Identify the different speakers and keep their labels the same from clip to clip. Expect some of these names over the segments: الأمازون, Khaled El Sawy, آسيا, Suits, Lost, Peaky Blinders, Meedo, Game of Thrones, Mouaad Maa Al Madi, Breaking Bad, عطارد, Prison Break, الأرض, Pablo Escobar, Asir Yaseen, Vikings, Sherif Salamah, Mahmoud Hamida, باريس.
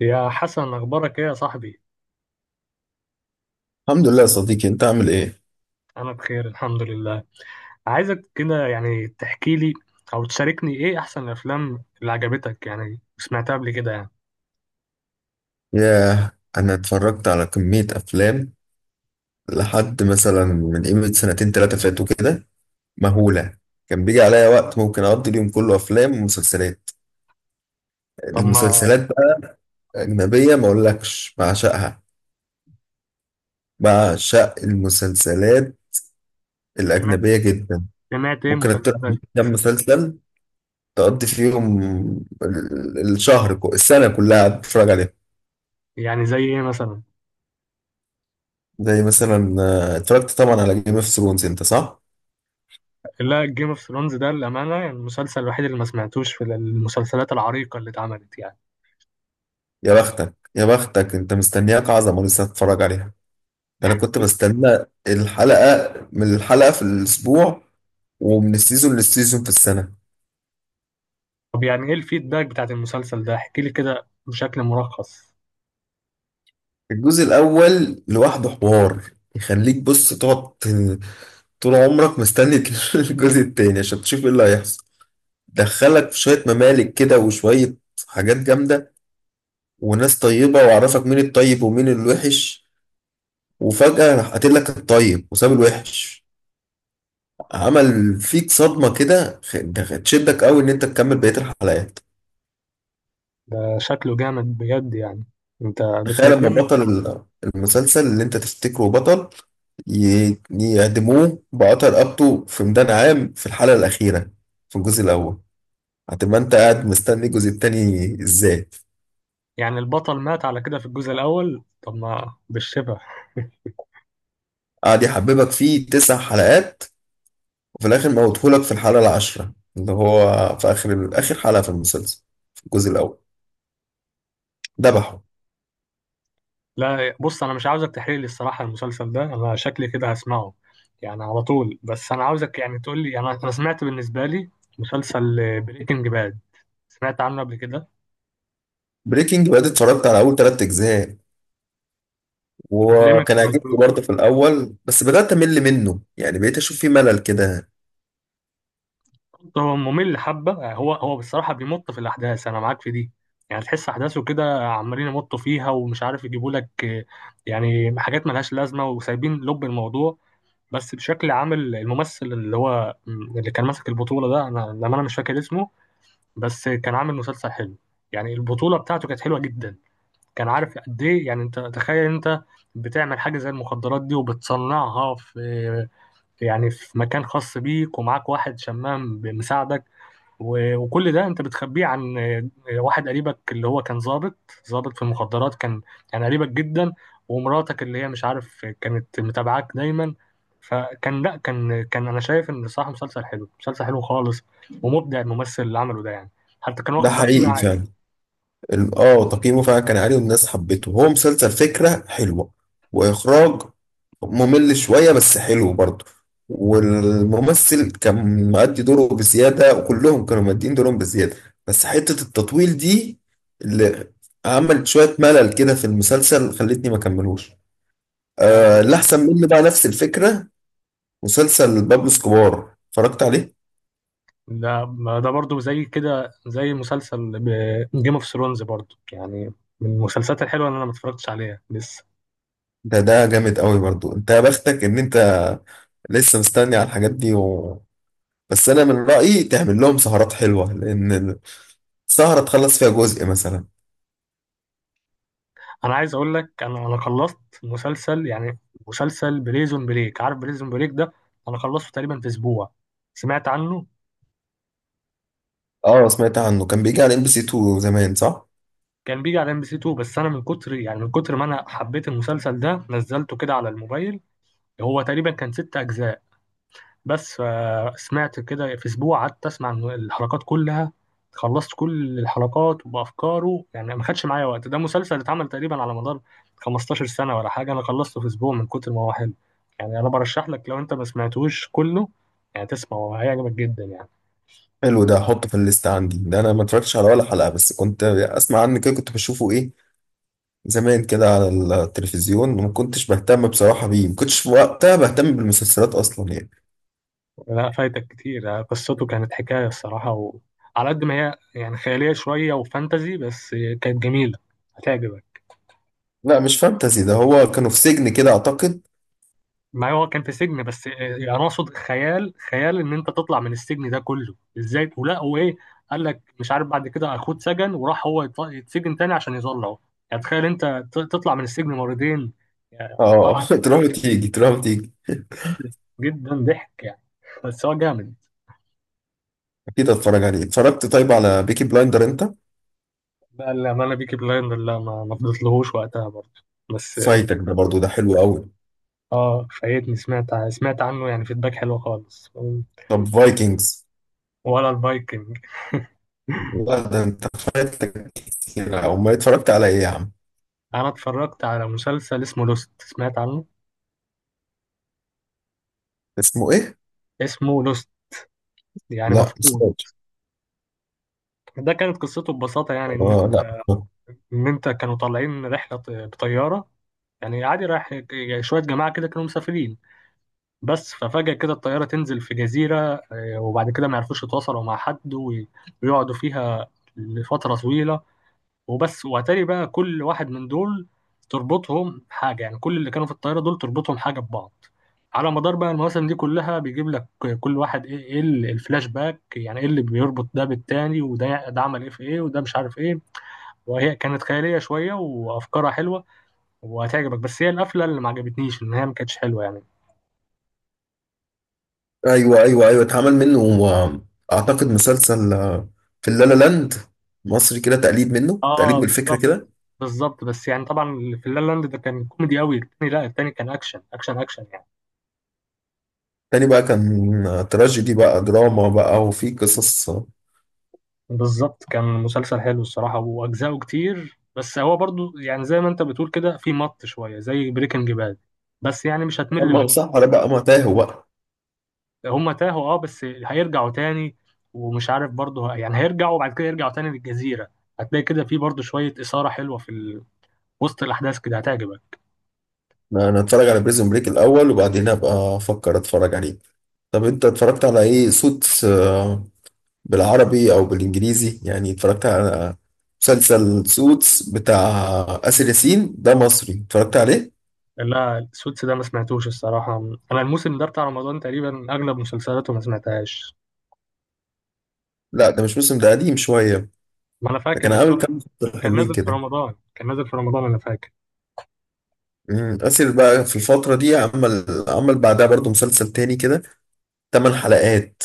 Speaker 1: يا حسن، أخبارك إيه يا صاحبي؟
Speaker 2: الحمد لله يا صديقي، انت عامل ايه؟
Speaker 1: أنا بخير الحمد لله. عايزك كده يعني تحكي لي أو تشاركني إيه أحسن الأفلام اللي عجبتك يعني سمعتها قبل كده يعني
Speaker 2: ياه. انا اتفرجت على كمية افلام، لحد مثلا من قيمة سنتين تلاتة فاتوا كده مهولة. كان بيجي عليا وقت ممكن اقضي اليوم كله افلام ومسلسلات.
Speaker 1: طب ما
Speaker 2: المسلسلات بقى اجنبية، ما اقولكش بعشقها، بعشق المسلسلات
Speaker 1: سمعت
Speaker 2: الاجنبية جدا.
Speaker 1: سمعت إيه
Speaker 2: ممكن اقترح
Speaker 1: مسلسلات.
Speaker 2: عليك كام مسلسل تقضي فيهم السنة كلها قاعد بتتفرج عليهم.
Speaker 1: يعني زي إيه مثلا؟
Speaker 2: زي مثلا اتفرجت طبعا على جيم اوف ثرونز، انت صح؟
Speaker 1: لا، جيم اوف ثرونز ده للأمانة يعني المسلسل الوحيد اللي ما سمعتوش في المسلسلات العريقة اللي اتعملت يعني.
Speaker 2: يا بختك يا بختك انت، مستنياك عظمة لسه هتتفرج عليها. ده انا كنت بستنى الحلقة من الحلقة في الاسبوع، ومن السيزون للسيزون في السنة.
Speaker 1: طب يعني إيه الفيدباك بتاعت المسلسل ده؟ احكي لي كده بشكل ملخص.
Speaker 2: الجزء الاول لوحده حوار يخليك بص تقعد طول عمرك مستني. الجزء التاني عشان تشوف ايه اللي هيحصل. دخلك في شوية ممالك كده وشوية حاجات جامدة، وناس طيبة، وعرفك مين الطيب ومين الوحش، وفجأة راح قاتل لك الطيب وساب الوحش. عمل فيك صدمة كده، ده تشدك قوي ان انت تكمل بقية الحلقات.
Speaker 1: ده شكله جامد بجد يعني، أنت
Speaker 2: تخيل لما
Speaker 1: بتندمني.
Speaker 2: بطل المسلسل اللي انت تفتكره بطل يعدموه بقطع رقبته في ميدان عام في الحلقة الأخيرة في الجزء الأول. هتبقى انت قاعد مستني الجزء التاني ازاي؟
Speaker 1: يعني البطل مات على كده في الجزء الأول، طب ما بالشبه.
Speaker 2: قاعد يحببك فيه 9 حلقات، وفي الآخر موتهولك في الحلقة العاشرة اللي هو في آخر آخر حلقة في المسلسل في الجزء الأول. ذبحه.
Speaker 1: لا بص، أنا مش عاوزك تحرق لي الصراحة المسلسل ده، أنا شكلي كده هسمعه يعني على طول. بس أنا عاوزك يعني تقول لي. أنا سمعت بالنسبة لي مسلسل بريكنج باد، سمعت عنه قبل كده.
Speaker 2: بريكنج باد اتفرجت على أول 3 أجزاء،
Speaker 1: طب ليه ما
Speaker 2: وكان عاجبني
Speaker 1: كملتوش؟
Speaker 2: برضه في الأول، بس بدأت أمل منه، يعني بقيت أشوف فيه ملل كده.
Speaker 1: هو ممل حبة. هو بصراحة بيمط في الأحداث، أنا معاك في دي. يعني تحس أحداثه كده عمالين يمطوا فيها ومش عارف يجيبوا لك يعني حاجات ملهاش لازمة وسايبين لب الموضوع. بس بشكل عام الممثل اللي هو اللي كان ماسك البطولة ده، أنا لما أنا مش فاكر اسمه، بس كان عامل مسلسل حلو. يعني البطولة بتاعته كانت حلوة جدا. كان عارف قد إيه. يعني أنت تخيل أنت بتعمل حاجة زي المخدرات دي وبتصنعها في، يعني في مكان خاص بيك ومعاك واحد شمام بمساعدك، وكل ده انت بتخبيه عن واحد قريبك اللي هو كان ظابط، ظابط في المخدرات كان، يعني قريبك جدا. ومراتك اللي هي مش عارف، كانت متابعاك دايما. فكان لا كان كان انا شايف ان صراحة مسلسل حلو، مسلسل حلو خالص، ومبدع الممثل اللي عمله ده يعني. حتى كان
Speaker 2: ده
Speaker 1: واخد تقييم
Speaker 2: حقيقي
Speaker 1: عالي.
Speaker 2: فعلا. تقييمه فعلا كان عالي والناس حبته، هو مسلسل فكرة حلوة وإخراج ممل شوية بس حلو برضه. والممثل كان مؤدي دوره بزيادة، وكلهم كانوا مؤدين دورهم بزيادة. بس حتة التطويل دي اللي عملت شوية ملل كده في المسلسل خلتني ما كملوش.
Speaker 1: ده
Speaker 2: آه، اللي أحسن منه بقى نفس الفكرة مسلسل بابلو اسكوبار، اتفرجت عليه.
Speaker 1: ده ده برضه زي كده، زي مسلسل جيم اوف ثرونز برضه يعني، من المسلسلات الحلوة اللي انا ما اتفرجتش عليها لسه.
Speaker 2: ده جامد قوي برضو. انت يا بختك ان انت لسه مستني على الحاجات دي بس انا من رأيي تعمل لهم سهرات حلوة، لان السهرة تخلص فيها جزء مثلا.
Speaker 1: انا عايز اقول لك، انا خلصت مسلسل، يعني مسلسل بريزون بريك. عارف بريزون بريك ده؟ انا خلصته تقريبا في اسبوع. سمعت عنه؟
Speaker 2: اه، سمعت عنه، كان بيجي على ام بي سي 2 زمان، صح؟
Speaker 1: كان بيجي على ام بي سي 2. بس انا من كتر، يعني من كتر ما انا حبيت المسلسل ده، نزلته كده على الموبايل. هو تقريبا كان ست اجزاء بس. سمعت كده في اسبوع، قعدت اسمع من الحلقات كلها. خلصت كل الحلقات وبافكاره يعني، ما خدش معايا وقت. ده مسلسل اتعمل تقريبا على مدار 15 سنه ولا حاجه، انا خلصته في اسبوع من كتر ما هو حلو. يعني انا برشح لك، لو انت ما سمعتوش كله يعني تسمعه، هيعجبك جدا يعني.
Speaker 2: حلو، ده احطه في الليست عندي. ده انا ما اتفرجتش على ولا حلقة، بس كنت اسمع عنه كده، كنت بشوفه ايه زمان كده على التلفزيون، وما كنتش بهتم بصراحة بيه، ما كنتش في وقتها بهتم بالمسلسلات اصلا يعني.
Speaker 1: لا فايتك كتير. قصته كانت حكايه الصراحه، وعلى قد ما هي يعني خياليه شويه وفانتزي، بس كانت جميله، هتعجبك.
Speaker 2: لا مش فانتزي، ده هو كانوا في سجن كده اعتقد.
Speaker 1: ما هو كان في سجن بس، انا اقصد خيال. خيال ان انت تطلع من السجن ده كله ازاي، ولا هو ايه؟ قال لك مش عارف، بعد كده اخوه اتسجن وراح هو يتسجن تاني عشان يطلعه. يعني تخيل انت تطلع من السجن مرتين. يعني
Speaker 2: اه.
Speaker 1: طبعا
Speaker 2: تروح وتيجي تروح وتيجي.
Speaker 1: جدا ضحك يعني، بس هو جامد.
Speaker 2: اكيد هتفرج عليه. اتفرجت طيب على بيكي بلايندر انت؟
Speaker 1: بقى الامانه، بيكي بلايندر لا، ما فضلتلهوش وقتها برضه بس.
Speaker 2: فايتك ده برضو، ده حلو قوي.
Speaker 1: اه فايتني. سمعت عنه يعني فيدباك حلو خالص.
Speaker 2: طب فايكنجز؟
Speaker 1: ولا الفايكنج.
Speaker 2: لا ده انت فايتك كتير، او ما اتفرجت على ايه يا عم؟
Speaker 1: انا اتفرجت على مسلسل اسمه لوست، سمعت عنه؟
Speaker 2: اسمه ايه؟
Speaker 1: اسمه لوست، يعني
Speaker 2: لا مش
Speaker 1: مفقود.
Speaker 2: فاكر.
Speaker 1: ده كانت قصته ببساطة يعني إن
Speaker 2: اه، لا.
Speaker 1: إن أنت كانوا طالعين رحلة، بطيارة يعني عادي، رايح شوية جماعة كده كانوا مسافرين بس. ففجأة كده الطيارة تنزل في جزيرة. وبعد كده ما يعرفوش يتواصلوا مع حد، ويقعدوا فيها لفترة طويلة. وبس واتاري بقى كل واحد من دول تربطهم حاجه. يعني كل اللي كانوا في الطياره دول تربطهم حاجه ببعض. على مدار بقى المواسم دي كلها بيجيب لك كل واحد، ايه الفلاش باك، يعني ايه اللي بيربط ده بالتاني، وده عمل ايه في ايه، وده مش عارف ايه. وهي كانت خياليه شويه وافكارها حلوه وهتعجبك. بس هي القفله اللي ما عجبتنيش، ان هي ما كانتش حلوه يعني.
Speaker 2: ايوه ايوه ايوه، اتعمل منه اعتقد مسلسل في اللالا لاند مصري كده، تقليد منه، تقليد
Speaker 1: اه
Speaker 2: من الفكره
Speaker 1: بالظبط.
Speaker 2: كده.
Speaker 1: بالظبط، بس يعني طبعا اللي في لا لاند ده كان كوميدي قوي. التاني لا، التاني كان اكشن اكشن اكشن يعني.
Speaker 2: تاني بقى كان تراجيدي بقى، دراما بقى، وفي قصص
Speaker 1: بالظبط، كان مسلسل حلو الصراحة وأجزاؤه كتير. بس هو برضو يعني زي ما أنت بتقول كده، في مط شوية زي بريكنج باد، بس يعني مش هتمل منه.
Speaker 2: اما صح، ولا بقى ما تاهوا بقى.
Speaker 1: هما تاهوا أه بس هيرجعوا تاني، ومش عارف برضو يعني هيرجعوا، وبعد كده يرجعوا تاني للجزيرة. هتلاقي كده في برضو شوية إثارة حلوة في وسط الأحداث كده، هتعجبك.
Speaker 2: انا اتفرج على بريزون بريك الاول، وبعدين ابقى افكر اتفرج عليه. طب انت اتفرجت على ايه؟ سوتس بالعربي او بالانجليزي يعني؟ اتفرجت على مسلسل سوتس بتاع آسر ياسين ده مصري، اتفرجت عليه؟
Speaker 1: لا السوتس ده ما سمعتوش الصراحة. أنا الموسم ده بتاع رمضان تقريبا أغلب مسلسلاته ما سمعتهاش.
Speaker 2: لا ده مش موسم، ده قديم شوية.
Speaker 1: ما أنا
Speaker 2: ده
Speaker 1: فاكر،
Speaker 2: كان
Speaker 1: بس
Speaker 2: عامل
Speaker 1: هو
Speaker 2: كام مسلسل
Speaker 1: كان
Speaker 2: حلوين
Speaker 1: نازل في
Speaker 2: كده.
Speaker 1: رمضان، أنا فاكر.
Speaker 2: آسر بقى في الفترة دي عمل بعدها برضو مسلسل تاني كده 8 حلقات،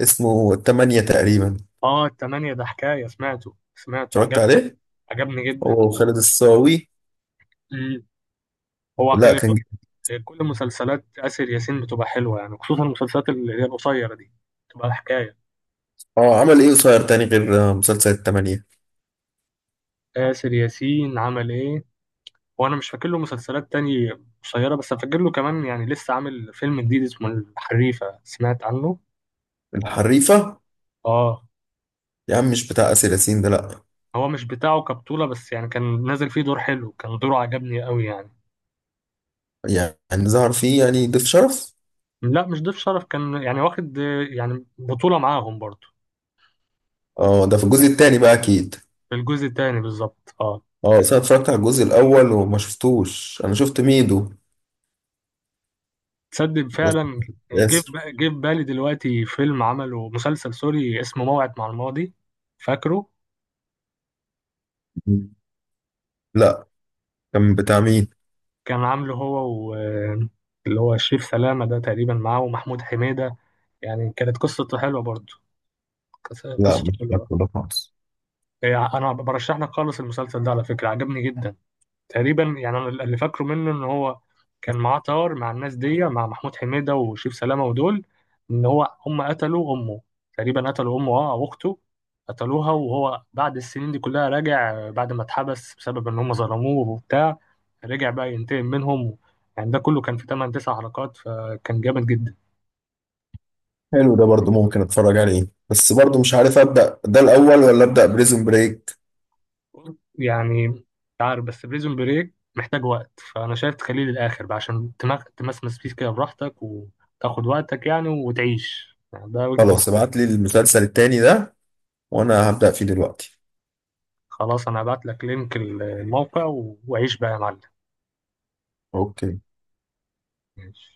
Speaker 2: اسمه تمانية تقريبا.
Speaker 1: اه التمانية ده حكاية. سمعته.
Speaker 2: اتفرجت عليه؟
Speaker 1: عجبني جدا.
Speaker 2: هو خالد الصاوي.
Speaker 1: مم. هو
Speaker 2: لا
Speaker 1: خلي
Speaker 2: كان.
Speaker 1: بالك، كل مسلسلات آسر ياسين بتبقى حلوة، يعني خصوصا المسلسلات اللي هي القصيرة دي بتبقى حكاية.
Speaker 2: اه عمل ايه قصير تاني غير مسلسل التمانية؟
Speaker 1: آسر ياسين عمل ايه؟ وانا مش فاكر له مسلسلات تانية قصيرة، بس فاكر له كمان يعني لسه عامل فيلم جديد اسمه الحريفة، سمعت عنه؟
Speaker 2: الحريفة؟
Speaker 1: اه.
Speaker 2: يا عم مش بتاع آسر ياسين ده لأ.
Speaker 1: هو مش بتاعه كبطولة، بس يعني كان نازل فيه دور حلو، كان دوره عجبني قوي يعني.
Speaker 2: يعني ظهر فيه يعني ضيف شرف؟
Speaker 1: لا مش ضيف شرف، كان يعني واخد يعني بطولة معاهم برضه.
Speaker 2: اه ده في الجزء التاني بقى أكيد.
Speaker 1: في الجزء التاني بالظبط، اه.
Speaker 2: اه بس أنا اتفرجت على الجزء الأول وما شفتوش، أنا شفت ميدو
Speaker 1: تصدق
Speaker 2: بس.
Speaker 1: فعلا.
Speaker 2: آسر.
Speaker 1: جه في بالي دلوقتي فيلم، عمله مسلسل سوري اسمه موعد مع الماضي. فاكره؟
Speaker 2: لأ. كان بتاع مين؟
Speaker 1: كان عامله هو و اللي هو شريف سلامة، ده تقريبا معاه ومحمود حميدة. يعني كانت قصته حلوة برضه.
Speaker 2: لأ
Speaker 1: قصته
Speaker 2: مش
Speaker 1: حلوة
Speaker 2: فاكره ده خالص.
Speaker 1: يعني. أنا برشح لك خالص المسلسل ده على فكرة، عجبني جدا. تقريبا يعني انا اللي فاكره منه، ان هو كان معاه طار مع الناس دي، مع محمود حميدة وشيف سلامة ودول، ان هو هم قتلوا امه. تقريبا قتلوا امه، اه، او اخته. قتلوها. وهو بعد السنين دي كلها راجع، بعد ما اتحبس بسبب ان هم ظلموه وبتاع، رجع بقى ينتقم منهم. يعني ده كله كان في 8 9 حلقات، فكان جامد جدا.
Speaker 2: حلو، ده برضو ممكن اتفرج عليه، بس برضو مش عارف أبدأ ده الأول ولا أبدأ بريزون بريك.
Speaker 1: يعني مش عارف، بس بريزون بريك محتاج وقت، فانا شايف تخليه للاخر بقى عشان تمسمس فيه كده براحتك، وتاخد وقتك يعني وتعيش، يعني ده وجهة
Speaker 2: خلاص
Speaker 1: نظري.
Speaker 2: ابعت لي المسلسل التاني ده، وأنا هبدأ فيه دلوقتي.
Speaker 1: خلاص انا هبعت لك لينك الموقع، وعيش بقى يا معلم.
Speaker 2: اوكي.
Speaker 1: ماشي.